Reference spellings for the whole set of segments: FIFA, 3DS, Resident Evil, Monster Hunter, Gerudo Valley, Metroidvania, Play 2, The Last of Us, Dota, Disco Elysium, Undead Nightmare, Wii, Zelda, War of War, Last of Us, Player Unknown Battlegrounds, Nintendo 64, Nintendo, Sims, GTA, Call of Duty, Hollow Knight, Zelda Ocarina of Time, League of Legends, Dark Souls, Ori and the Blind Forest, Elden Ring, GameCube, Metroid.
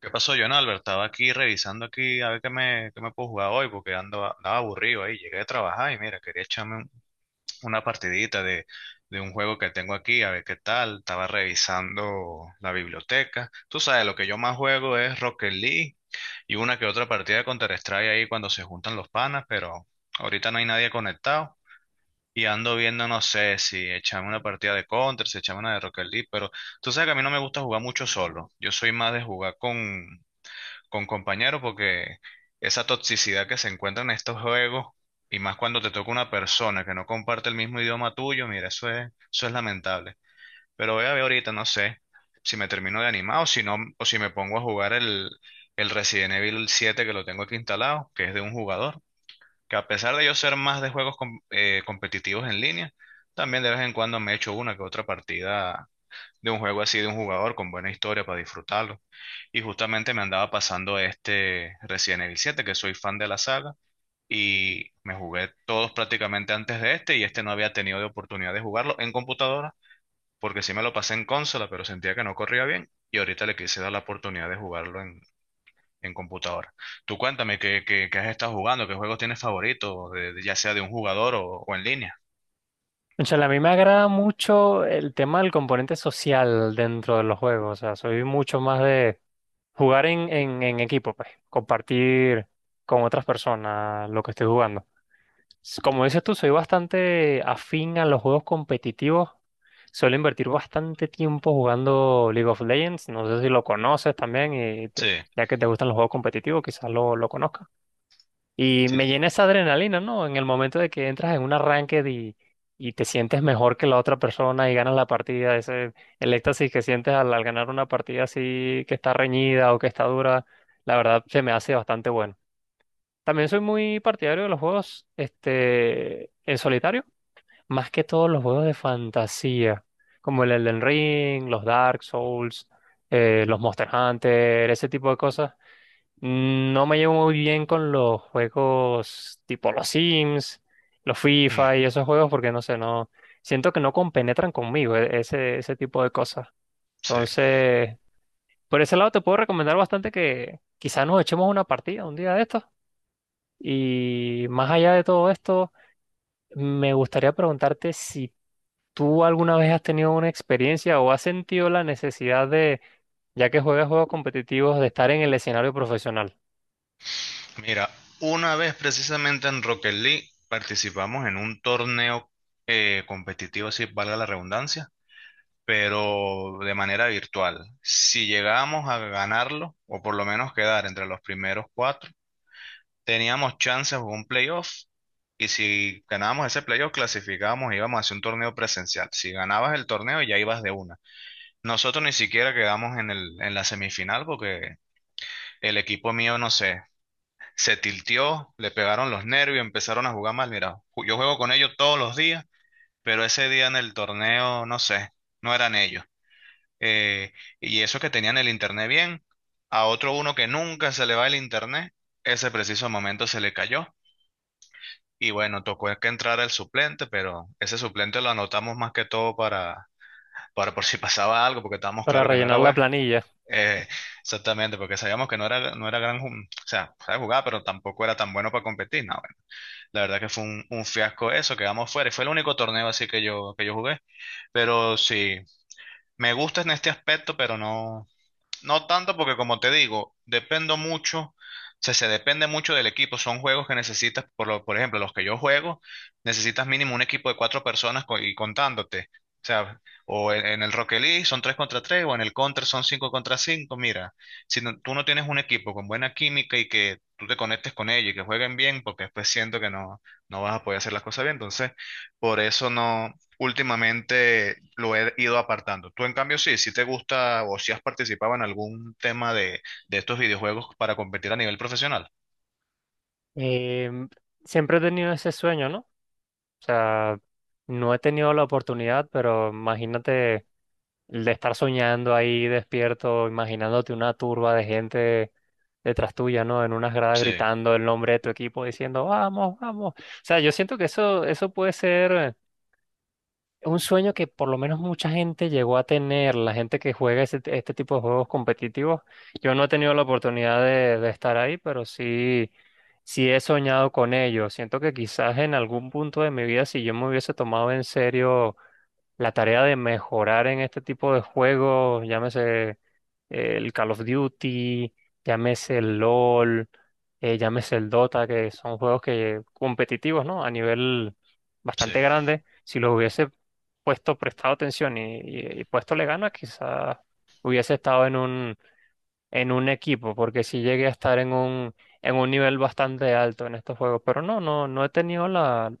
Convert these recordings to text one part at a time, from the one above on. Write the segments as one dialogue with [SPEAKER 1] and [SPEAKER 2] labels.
[SPEAKER 1] ¿Qué pasó, John Albert? Estaba aquí revisando aquí a ver qué me puedo jugar hoy porque andaba aburrido ahí. Llegué a trabajar y mira, una partidita de un juego que tengo aquí, a ver qué tal. Estaba revisando la biblioteca. Tú sabes, lo que yo más juego es Rocket League y una que otra partida de Counter-Strike ahí cuando se juntan los panas, pero ahorita no hay nadie conectado. Y ando viendo, no sé si echarme una partida de Counter, si echarme una de Rocket League, pero tú sabes que a mí no me gusta jugar mucho solo. Yo soy más de jugar con compañeros porque esa toxicidad que se encuentra en estos juegos y más cuando te toca una persona que no comparte el mismo idioma tuyo, mira, eso es lamentable. Pero voy a ver ahorita, no sé si me termino de animar o si no, o si me pongo a jugar el Resident Evil siete que lo tengo aquí instalado, que es de un jugador, que a pesar de yo ser más de competitivos en línea, también de vez en cuando me echo una que otra partida de un juego así de un jugador con buena historia para disfrutarlo. Y justamente me andaba pasando este Resident Evil 7, que soy fan de la saga, y me jugué todos prácticamente antes de este, y este no había tenido de oportunidad de jugarlo en computadora, porque sí me lo pasé en consola, pero sentía que no corría bien, y ahorita le quise dar la oportunidad de jugarlo en computadora. Tú cuéntame qué has estado jugando, qué juegos tienes favoritos, ya sea de un jugador o en línea.
[SPEAKER 2] O sea, a mí me agrada mucho el tema del componente social dentro de los juegos. O sea, soy mucho más de jugar en equipo, pues, compartir con otras personas lo que estoy jugando. Como dices tú, soy bastante afín a los juegos competitivos. Suelo invertir bastante tiempo jugando League of Legends. No sé si lo conoces también,
[SPEAKER 1] Sí,
[SPEAKER 2] ya que te gustan los juegos competitivos, quizás lo conozcas. Y
[SPEAKER 1] sí,
[SPEAKER 2] me llena esa adrenalina, ¿no? En el momento de que entras en un arranque y te sientes mejor que la otra persona y ganas la partida, ese, el éxtasis que sientes al ganar una partida así que está reñida o que está dura, la verdad se me hace bastante bueno. También soy muy partidario de los juegos en solitario, más que todos los juegos de fantasía, como el Elden Ring, los Dark Souls, los Monster Hunter, ese tipo de cosas. No me llevo muy bien con los juegos tipo los Sims, los FIFA y esos juegos porque no sé, no siento que no compenetran conmigo ese, ese tipo de cosas.
[SPEAKER 1] sí.
[SPEAKER 2] Entonces, por ese lado te puedo recomendar bastante que quizás nos echemos una partida un día de estos. Y más allá de todo esto, me gustaría preguntarte si tú alguna vez has tenido una experiencia o has sentido la necesidad de, ya que juegas juegos competitivos, de estar en el escenario profesional
[SPEAKER 1] Mira, una vez precisamente en Rocket League participamos en un torneo competitivo, si valga la redundancia, pero de manera virtual. Si llegábamos a ganarlo, o por lo menos quedar entre los primeros cuatro, teníamos chances de un playoff. Y si ganábamos ese playoff, clasificábamos e íbamos a hacer un torneo presencial. Si ganabas el torneo, ya ibas de una. Nosotros ni siquiera quedamos en el, en la semifinal porque el equipo mío, no sé, se tilteó, le pegaron los nervios, empezaron a jugar mal. Mira, yo juego con ellos todos los días, pero ese día en el torneo, no sé, no eran ellos. Eh, y eso que tenían el internet bien, a otro uno que nunca se le va el internet, ese preciso momento se le cayó. Y bueno, tocó que entrar el suplente, pero ese suplente lo anotamos más que todo para por si pasaba algo, porque estábamos
[SPEAKER 2] para
[SPEAKER 1] claro que no era
[SPEAKER 2] rellenar la
[SPEAKER 1] bueno.
[SPEAKER 2] planilla.
[SPEAKER 1] Eh, Exactamente, porque sabíamos que no era gran, o sea, sabe jugar, pero tampoco era tan bueno para competir. No, la verdad que fue un fiasco eso, quedamos fuera. Y fue el único torneo así que yo jugué. Pero sí, me gusta en este aspecto, pero no. No tanto porque como te digo, dependo mucho, o sea, se depende mucho del equipo. Son juegos que necesitas, por ejemplo, los que yo juego, necesitas mínimo un equipo de cuatro personas y contándote. O sea, en el Rocket League son tres contra tres, o en el Counter son cinco contra cinco. Mira, si tú no tienes un equipo con buena química y que tú te conectes con ellos y que jueguen bien, porque después siento que no, no vas a poder hacer las cosas bien. Entonces, por eso no últimamente lo he ido apartando. Tú, en cambio, sí, si te gusta o si has participado en algún tema de estos videojuegos para competir a nivel profesional.
[SPEAKER 2] Em, Siempre he tenido ese sueño, ¿no? O sea, no he tenido la oportunidad, pero imagínate el de estar soñando ahí despierto, imaginándote una turba de gente detrás tuya, ¿no? En unas gradas
[SPEAKER 1] Sí,
[SPEAKER 2] gritando el nombre de tu equipo, diciendo, vamos, vamos. O sea, yo siento que eso puede ser un sueño que por lo menos mucha gente llegó a tener, la gente que juega este tipo de juegos competitivos. Yo no he tenido la oportunidad de estar ahí, pero sí, sí he soñado con ello. Siento que quizás en algún punto de mi vida, si yo me hubiese tomado en serio la tarea de mejorar en este tipo de juegos, llámese el Call of Duty, llámese el LOL, llámese el Dota, que son juegos que competitivos, ¿no? A nivel
[SPEAKER 1] sí.
[SPEAKER 2] bastante grande, si lo hubiese puesto prestado atención y puesto le ganas, quizás hubiese estado en un equipo, porque sí llegué a estar en un nivel bastante alto en estos juegos, pero no he tenido la,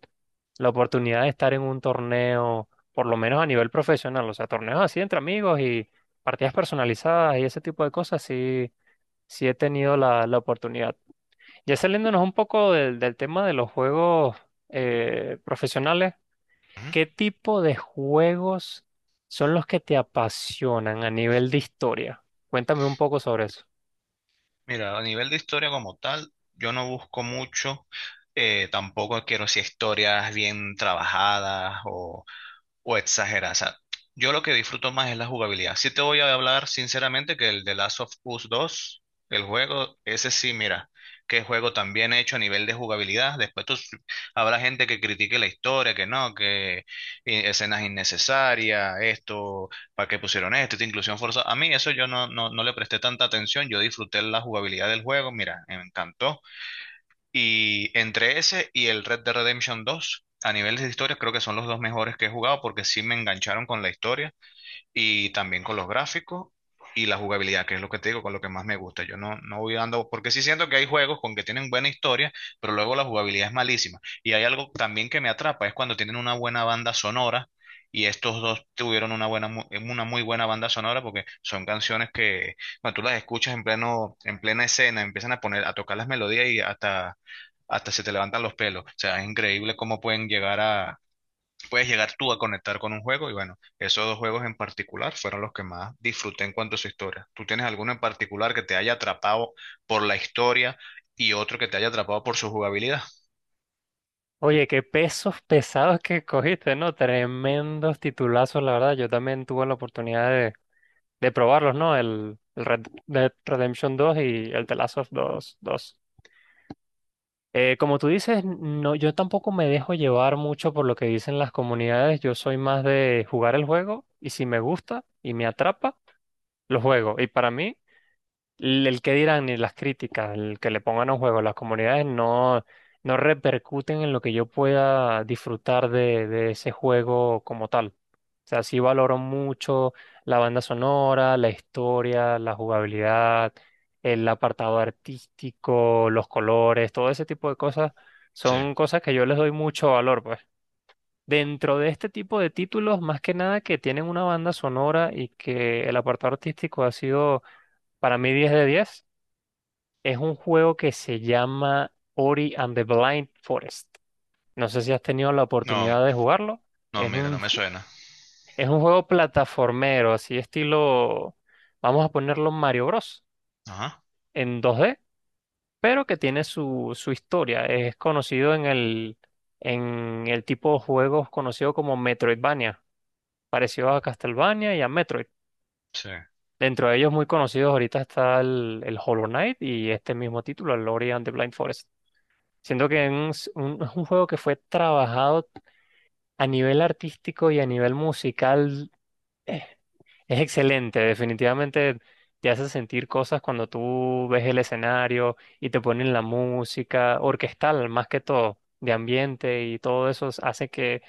[SPEAKER 2] la oportunidad de estar en un torneo, por lo menos a nivel profesional, o sea, torneos así entre amigos y partidas personalizadas y ese tipo de cosas, sí, sí he tenido la, la oportunidad. Ya saliéndonos un poco del, del tema de los juegos profesionales.
[SPEAKER 1] Ujú.
[SPEAKER 2] ¿Qué tipo de juegos son los que te apasionan a nivel de historia? Cuéntame un poco sobre eso.
[SPEAKER 1] Mira, a nivel de historia como tal, yo no busco mucho. Tampoco quiero si historias bien trabajadas o exagerar. O sea, yo lo que disfruto más es la jugabilidad. Sí te voy a hablar sinceramente que el de Last of Us dos el juego, ese sí, mira, qué juego tan bien hecho a nivel de jugabilidad. Después tú, habrá gente que critique la historia, que no, que escenas innecesarias, esto, para qué pusieron esto, esta inclusión forzada. A mí eso yo no le presté tanta atención. Yo disfruté la jugabilidad del juego, mira, me encantó. Y entre ese y el Red Dead Redemption dos a nivel de historia, creo que son los dos mejores que he jugado porque sí me engancharon con la historia y también con los gráficos y la jugabilidad, que es lo que te digo, con lo que más me gusta. Yo no voy dando, porque sí siento que hay juegos con que tienen buena historia, pero luego la jugabilidad es malísima. Y hay algo también que me atrapa, es cuando tienen una buena banda sonora. Y estos dos tuvieron una buena, una muy buena banda sonora porque son canciones que cuando tú las escuchas en plena escena, empiezan a poner, a tocar las melodías y hasta se te levantan los pelos. O sea, es increíble cómo puedes llegar tú a conectar con un juego y bueno, esos dos juegos en particular fueron los que más disfruté en cuanto a su historia. ¿Tú tienes alguno en particular que te haya atrapado por la historia y otro que te haya atrapado por su jugabilidad?
[SPEAKER 2] Oye, qué pesos pesados que cogiste, ¿no? Tremendos titulazos, la verdad. Yo también tuve la oportunidad de probarlos, ¿no? El Red Dead Redemption 2 y el The Last of Us 2. Como tú dices, no, yo tampoco me dejo llevar mucho por lo que dicen las comunidades. Yo soy más de jugar el juego y si me gusta y me atrapa, lo juego. Y para mí... el que dirán ni las críticas, el que le pongan a juego, las comunidades no, no repercuten en lo que yo pueda disfrutar de ese juego como tal. O sea, sí valoro mucho la banda sonora, la historia, la jugabilidad, el apartado artístico, los colores, todo ese tipo de cosas
[SPEAKER 1] Sí.
[SPEAKER 2] son cosas que yo les doy mucho valor, pues. Dentro de este tipo de títulos, más que nada que tienen una banda sonora y que el apartado artístico ha sido para mí 10 de 10. Es un juego que se llama Ori and the Blind Forest. No sé si has tenido la
[SPEAKER 1] No,
[SPEAKER 2] oportunidad de jugarlo.
[SPEAKER 1] no,
[SPEAKER 2] Es
[SPEAKER 1] mira, no
[SPEAKER 2] un,
[SPEAKER 1] me
[SPEAKER 2] ju-
[SPEAKER 1] suena.
[SPEAKER 2] es un juego plataformero, así estilo, vamos a ponerlo Mario Bros.
[SPEAKER 1] Ajá.
[SPEAKER 2] En 2D, pero que tiene su, su historia. Es conocido en el tipo de juegos conocido como Metroidvania, parecido a Castlevania y a Metroid.
[SPEAKER 1] Sí.
[SPEAKER 2] Dentro de ellos muy conocidos ahorita está el Hollow Knight y este mismo título, el Ori and the Blind Forest. Siento que es es un juego que fue trabajado a nivel artístico y a nivel musical. eh, Es excelente, definitivamente te hace sentir cosas cuando tú ves el escenario y te ponen la música orquestal, más que todo, de ambiente y todo eso hace que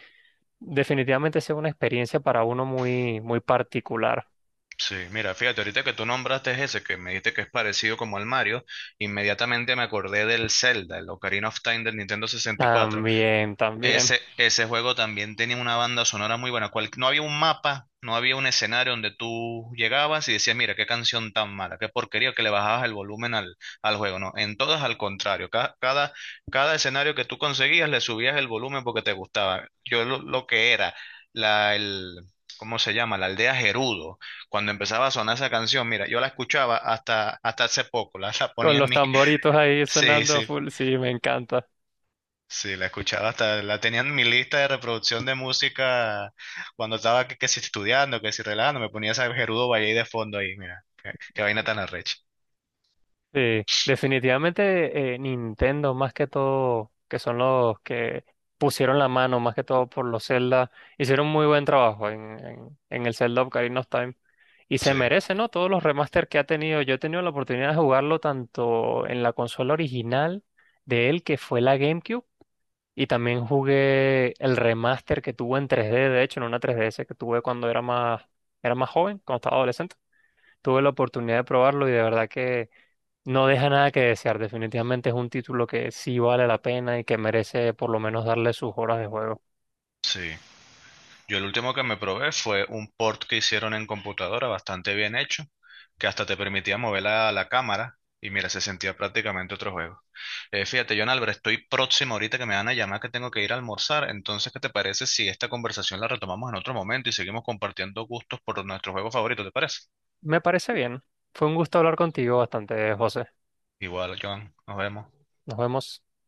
[SPEAKER 2] definitivamente sea una experiencia para uno muy, muy particular.
[SPEAKER 1] Sí, mira, fíjate, ahorita que tú nombraste ese, que me dijiste que es parecido como al Mario, inmediatamente me acordé del Zelda, el Ocarina of Time del Nintendo 64.
[SPEAKER 2] También, también.
[SPEAKER 1] Ese juego también tenía una banda sonora muy buena. Cual, no había un mapa, no había un escenario donde tú llegabas y decías, mira, qué canción tan mala, qué porquería que le bajabas el volumen al juego. No, en todas al contrario. Cada escenario que tú conseguías le subías el volumen porque te gustaba. Yo lo que era, la, el, ¿cómo se llama? La aldea Gerudo. Cuando empezaba a sonar esa canción, mira, yo la escuchaba hasta hace poco, la
[SPEAKER 2] Con
[SPEAKER 1] ponía en
[SPEAKER 2] los
[SPEAKER 1] mi...
[SPEAKER 2] tamboritos ahí
[SPEAKER 1] Sí,
[SPEAKER 2] sonando a
[SPEAKER 1] sí.
[SPEAKER 2] full, sí, me encanta.
[SPEAKER 1] Sí, la escuchaba hasta, la tenía en mi lista de reproducción de música cuando estaba que si estudiando, que si relajando, me ponía esa Gerudo Valley de fondo ahí, mira, qué vaina tan arrecha.
[SPEAKER 2] Sí, definitivamente Nintendo, más que todo, que son los que pusieron la mano, más que todo por los Zelda, hicieron muy buen trabajo en el Zelda Ocarina of Time. Y se
[SPEAKER 1] Sí,
[SPEAKER 2] merece, ¿no? Todos los remaster que ha tenido. Yo he tenido la oportunidad de jugarlo tanto en la consola original de él, que fue la GameCube, y también jugué el remaster que tuvo en 3D, de hecho, en una 3DS que tuve cuando era más joven, cuando estaba adolescente. Tuve la oportunidad de probarlo y de verdad que no deja nada que desear, definitivamente es un título que sí vale la pena y que merece por lo menos darle sus horas de juego.
[SPEAKER 1] sí. Yo el último que me probé fue un port que hicieron en computadora bastante bien hecho, que hasta te permitía mover la cámara y mira, se sentía prácticamente otro juego. Fíjate, John Albert, estoy próximo ahorita que me van a llamar que tengo que ir a almorzar, entonces, ¿qué te parece si esta conversación la retomamos en otro momento y seguimos compartiendo gustos por nuestros juegos favoritos, ¿te parece?
[SPEAKER 2] Me parece bien. Fue un gusto hablar contigo bastante, José.
[SPEAKER 1] Igual, Joan, nos vemos.
[SPEAKER 2] Nos vemos.